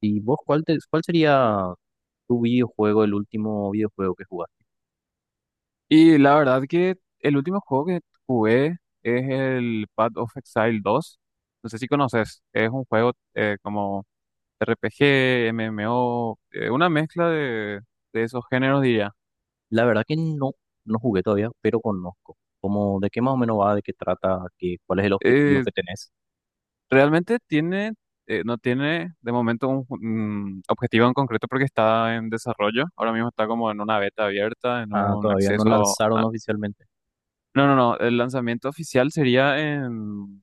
¿Y vos cuál sería tu videojuego, el último videojuego que jugaste? Y la verdad que el último juego que jugué es el Path of Exile dos. No sé si conoces, es un juego como RPG, MMO, una mezcla de esos géneros diría. La verdad que no jugué todavía, pero conozco. Como de qué más o menos va, de qué trata, qué, cuál es el objetivo Eh, que tenés. Realmente tiene, no tiene de momento un objetivo en concreto porque está en desarrollo. Ahora mismo está como en una beta abierta, en Ah, un todavía no lanzaron oficialmente. no, no, no, el lanzamiento oficial sería en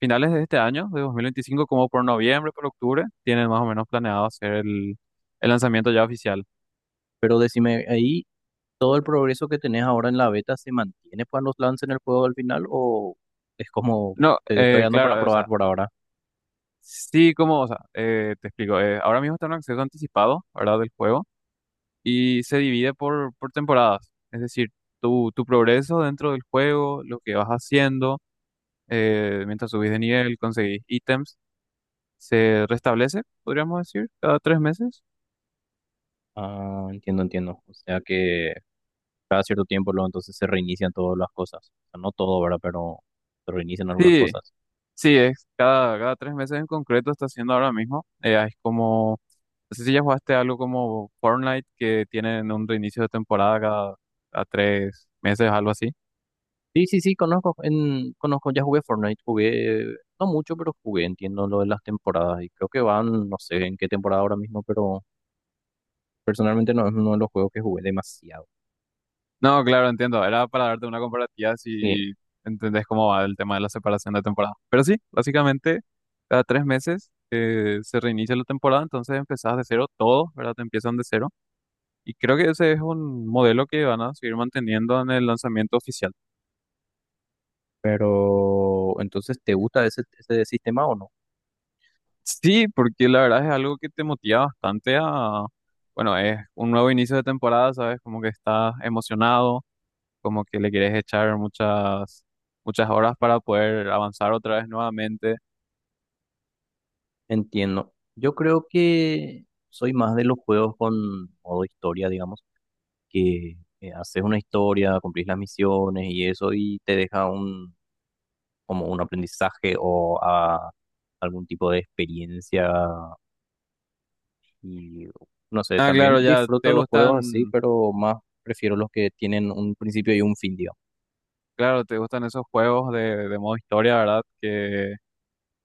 finales de este año, de 2025, como por noviembre, por octubre, tienen más o menos planeado hacer el lanzamiento ya oficial. Pero decime, ahí todo el progreso que tenés ahora en la beta se mantiene cuando lancen el juego al final o es como No, te estoy dando para claro, o probar sea, por ahora. sí, como, o sea, te explico, ahora mismo está en un acceso anticipado, ¿verdad?, del juego, y se divide por temporadas, es decir, tu progreso dentro del juego, lo que vas haciendo, mientras subís de nivel, conseguís ítems, se restablece, podríamos decir, cada 3 meses. Ah, entiendo, entiendo. O sea que cada cierto tiempo luego entonces se reinician todas las cosas. O sea, no todo, ¿verdad? Pero se reinician algunas Sí. cosas. Sí, es cada 3 meses en concreto está haciendo ahora mismo. Es como, no sé si ya jugaste algo como Fortnite que tienen un reinicio de temporada cada 3 meses, algo así. Sí, sí, sí, conozco, conozco, ya jugué Fortnite, jugué, no mucho, pero jugué, entiendo lo de las temporadas y creo que van, no sé en qué temporada ahora mismo, pero personalmente no es uno de los juegos que jugué demasiado. No, claro, entiendo. Era para darte una comparativa Sí, si entendés cómo va el tema de la separación de temporada. Pero sí, básicamente cada 3 meses se reinicia la temporada, entonces empezás de cero todo, ¿verdad? Te empiezan de cero. Y creo que ese es un modelo que van a seguir manteniendo en el lanzamiento oficial. pero entonces, ¿te gusta ese, ese sistema o no? Sí, porque la verdad es algo que te motiva bastante a, bueno, es un nuevo inicio de temporada, ¿sabes? Como que estás emocionado, como que le quieres echar muchas, muchas horas para poder avanzar otra vez nuevamente. Entiendo. Yo creo que soy más de los juegos con modo historia, digamos, que haces una historia, cumplís las misiones y eso y te deja un, como un aprendizaje o a algún tipo de experiencia. Y no sé, Ah, también claro, ya disfruto te los juegos así, gustan, pero más prefiero los que tienen un principio y un fin, digamos. claro, te gustan esos juegos de modo historia, ¿verdad?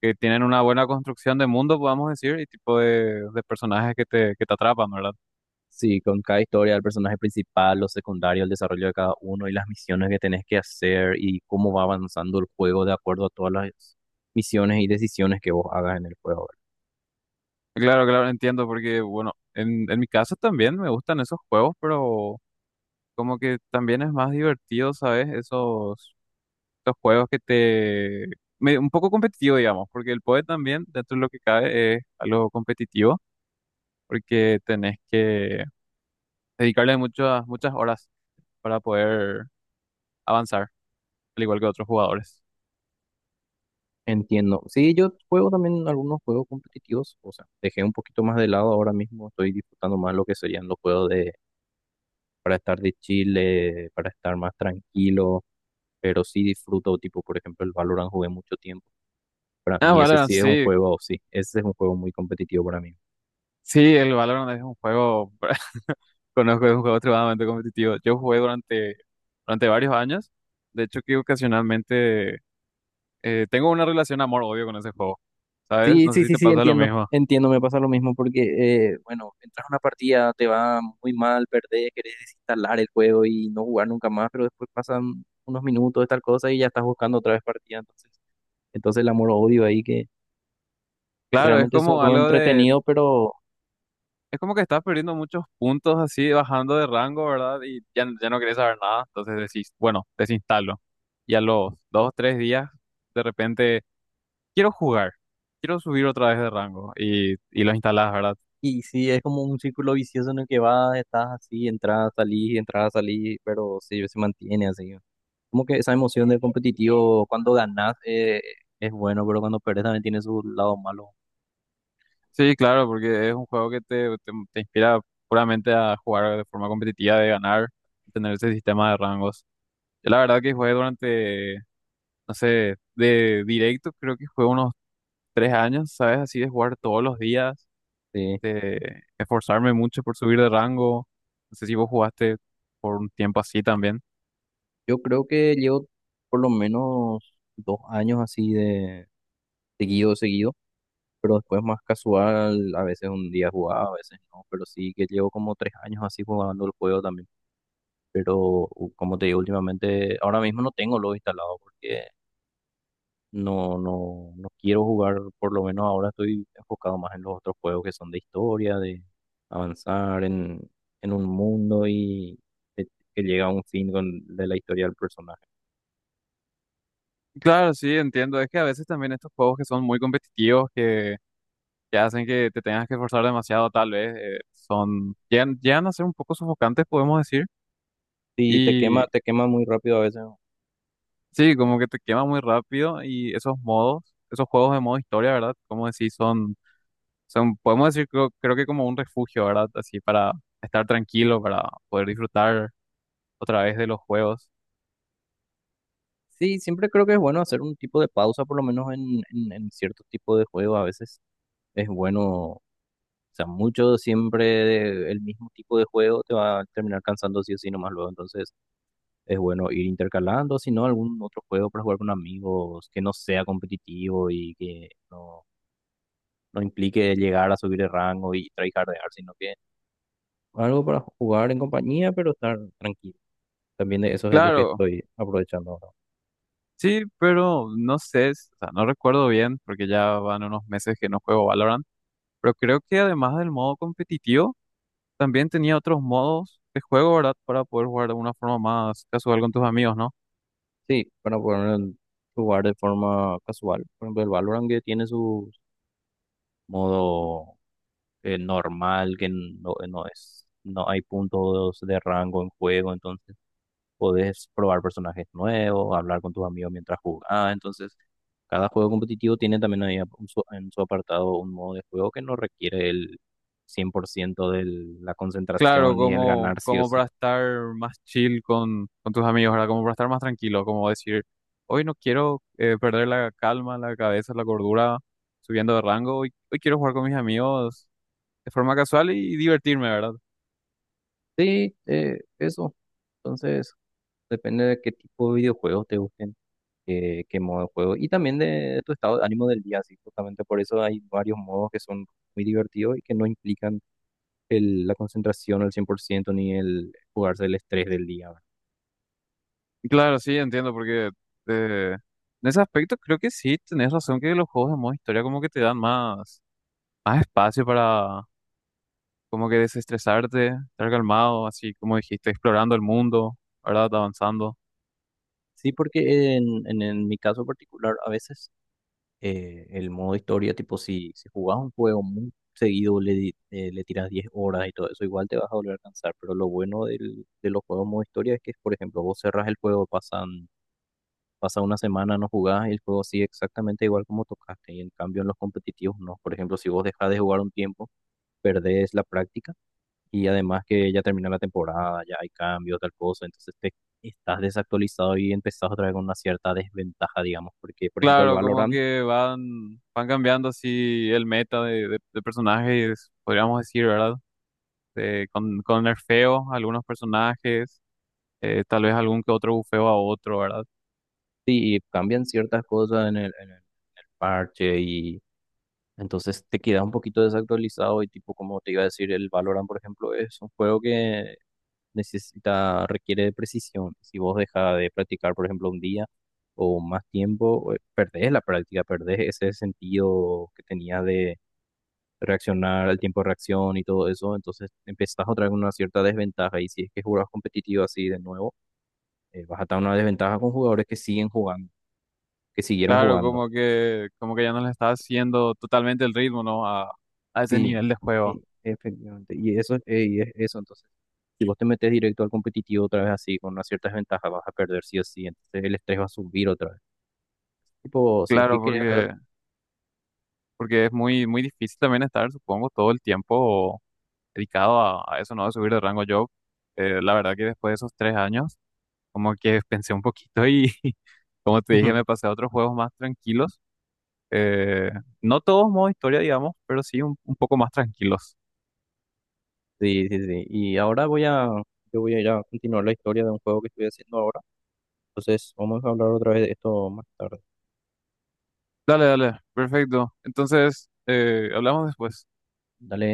Que tienen una buena construcción de mundo, podamos decir, y tipo de personajes que te atrapan, ¿verdad? Sí, con cada historia, el personaje principal, los secundarios, el desarrollo de cada uno y las misiones que tenés que hacer y cómo va avanzando el juego de acuerdo a todas las misiones y decisiones que vos hagas en el juego, ¿verdad? Claro, claro, entiendo, porque, bueno, en mi caso también me gustan esos juegos, pero... Como que también es más divertido, ¿sabes? Esos, esos juegos que te... un poco competitivo, digamos, porque el PoE también, dentro de lo que cabe, es algo competitivo, porque tenés que dedicarle muchas, muchas horas para poder avanzar, al igual que otros jugadores. Entiendo. Sí, yo juego también algunos juegos competitivos, o sea, dejé un poquito más de lado ahora mismo, estoy disfrutando más lo que serían los juegos de para estar de chile, para estar más tranquilo, pero sí disfruto, tipo, por ejemplo, el Valorant jugué mucho tiempo. Para Ah, mí ese Valorant, sí es un sí. juego, sí, ese es un juego muy competitivo para mí. Sí, el Valorant es un juego, conozco, es un juego extremadamente competitivo. Yo jugué durante, durante varios años. De hecho, que ocasionalmente tengo una relación amor-odio con ese juego, ¿sabes? Sí, No sé sí, si sí, te sí, pasa lo entiendo, mismo. entiendo, me pasa lo mismo porque, bueno, entras a una partida, te va muy mal, perdés, querés desinstalar el juego y no jugar nunca más, pero después pasan unos minutos de tal cosa y ya estás buscando otra vez partida, entonces el amor-odio ahí que Claro, es realmente es un como juego algo de, entretenido, pero... es como que estás perdiendo muchos puntos así, bajando de rango, ¿verdad? Y ya, ya no querés saber nada, entonces decís, bueno, desinstalo. Y a los dos, tres días, de repente, quiero jugar, quiero subir otra vez de rango y lo instalás, ¿verdad? Y sí, es como un círculo vicioso en el que vas, estás así, entras, salís, pero sí, se mantiene así. Como que esa emoción del competitivo cuando ganas es bueno, pero cuando perdes también tiene su lado malo. Sí, claro, porque es un juego que te inspira puramente a jugar de forma competitiva, de ganar, tener ese sistema de rangos. Yo la verdad que jugué durante, no sé, de directo, creo que jugué unos 3 años, ¿sabes? Así de jugar todos los días Sí. este, esforzarme mucho por subir de rango. No sé si vos jugaste por un tiempo así también. Yo creo que llevo por lo menos 2 años así de seguido, seguido, pero después más casual, a veces un día jugaba, a veces no, pero sí que llevo como 3 años así jugando el juego también. Pero como te digo, últimamente, ahora mismo no tengo lo instalado porque no, no, no quiero jugar, por lo menos ahora estoy enfocado más en los otros juegos que son de historia, de avanzar en un mundo y que, que llega a un fin con, de la historia del personaje. Claro, sí, entiendo. Es que a veces también estos juegos que son muy competitivos, que hacen que te tengas que esforzar demasiado, tal vez, son, llegan, llegan a ser un poco sofocantes, podemos decir. Sí, Y te quema muy rápido a veces, ¿no? sí, como que te quema muy rápido y esos modos, esos juegos de modo historia, ¿verdad? Como decís, son, son, podemos decir, creo, creo que como un refugio, ¿verdad? Así para estar tranquilo, para poder disfrutar otra vez de los juegos. Sí, siempre creo que es bueno hacer un tipo de pausa, por lo menos en cierto tipo de juego. A veces es bueno, o sea, mucho siempre el mismo tipo de juego te va a terminar cansando sí o sí nomás luego. Entonces es bueno ir intercalando, si no, algún otro juego para jugar con amigos que no sea competitivo y que no, no implique llegar a subir de rango y tryhardear, sino que algo para jugar en compañía, pero estar tranquilo. También de eso es lo que Claro. estoy aprovechando ahora. Sí, pero no sé, o sea, no recuerdo bien porque ya van unos meses que no juego Valorant, pero creo que además del modo competitivo, también tenía otros modos de juego, ¿verdad? Para poder jugar de una forma más casual con tus amigos, ¿no? Sí, para poder jugar de forma casual. Por ejemplo, el Valorant que tiene su modo normal, que no, no es, no hay puntos de rango en juego, entonces podés probar personajes nuevos, hablar con tus amigos mientras jugás. Entonces, cada juego competitivo tiene también ahí en su apartado un modo de juego que no requiere el 100% de la Claro, concentración y el como, ganar sí o como sí. para estar más chill con tus amigos, ¿verdad? Como para estar más tranquilo, como decir, hoy no quiero perder la calma, la cabeza, la cordura subiendo de rango, hoy, hoy quiero jugar con mis amigos de forma casual y divertirme, ¿verdad? Sí, eso. Entonces, depende de qué tipo de videojuegos te gusten, qué modo de juego y también de tu estado de ánimo del día. Así, justamente por eso hay varios modos que son muy divertidos y que no implican la concentración al 100% ni el jugarse el estrés del día. Claro, sí, entiendo, porque eh, en ese aspecto creo que sí tenés razón que los juegos de modo historia como que te dan más, más espacio para como que desestresarte, estar calmado, así como dijiste, explorando el mundo, ¿verdad? Avanzando. Sí, porque en mi caso particular, a veces el modo historia, tipo, si jugás un juego muy seguido, le tiras 10 horas y todo eso, igual te vas a volver a cansar. Pero lo bueno del, de los juegos modo historia es que, por ejemplo, vos cerrás el juego, pasa una semana, no jugás y el juego sigue exactamente igual como tocaste. Y en cambio, en los competitivos, no. Por ejemplo, si vos dejás de jugar un tiempo, perdés la práctica. Y además que ya terminó la temporada, ya hay cambios, tal cosa, entonces te estás desactualizado y empezás otra vez con una cierta desventaja, digamos, porque por ejemplo el Claro, como Valorant, que van, van cambiando así el meta de personajes, podríamos decir, ¿verdad? Con nerfeos a algunos personajes, tal vez algún que otro bufeo a otro, ¿verdad? sí, cambian ciertas cosas en en el parche y entonces te quedas un poquito desactualizado y tipo, como te iba a decir, el Valorant, por ejemplo, es un juego que necesita, requiere de precisión. Si vos dejas de practicar, por ejemplo, un día o más tiempo, perdés la práctica, perdés ese sentido que tenías de reaccionar, el tiempo de reacción y todo eso, entonces empezás otra vez con una cierta desventaja y si es que jugás competitivo así de nuevo, vas a estar en una desventaja con jugadores que siguen jugando, que siguieron Claro, jugando. Como que ya no le está haciendo totalmente el ritmo, ¿no? A ese Sí, nivel de juego. sí, efectivamente. Y eso, y es eso, entonces, si vos te metes directo al competitivo otra vez así, con una cierta desventaja, vas a perder sí o sí, entonces el estrés va a subir otra vez. Tipo, si es que Claro, quería... porque, porque es muy, muy difícil también estar, supongo, todo el tiempo dedicado a eso, ¿no? De subir de rango. Yo, la verdad que después de esos 3 años, como que pensé un poquito y, como te dije, me pasé a otros juegos más tranquilos. Eh, no todos modo historia, digamos, pero sí un poco más tranquilos. Sí, sí, sí. Y ahora voy a, yo voy a ir a continuar la historia de un juego que estoy haciendo ahora. Entonces, vamos a hablar otra vez de esto más tarde. Dale, dale, perfecto. Entonces, hablamos después. Dale.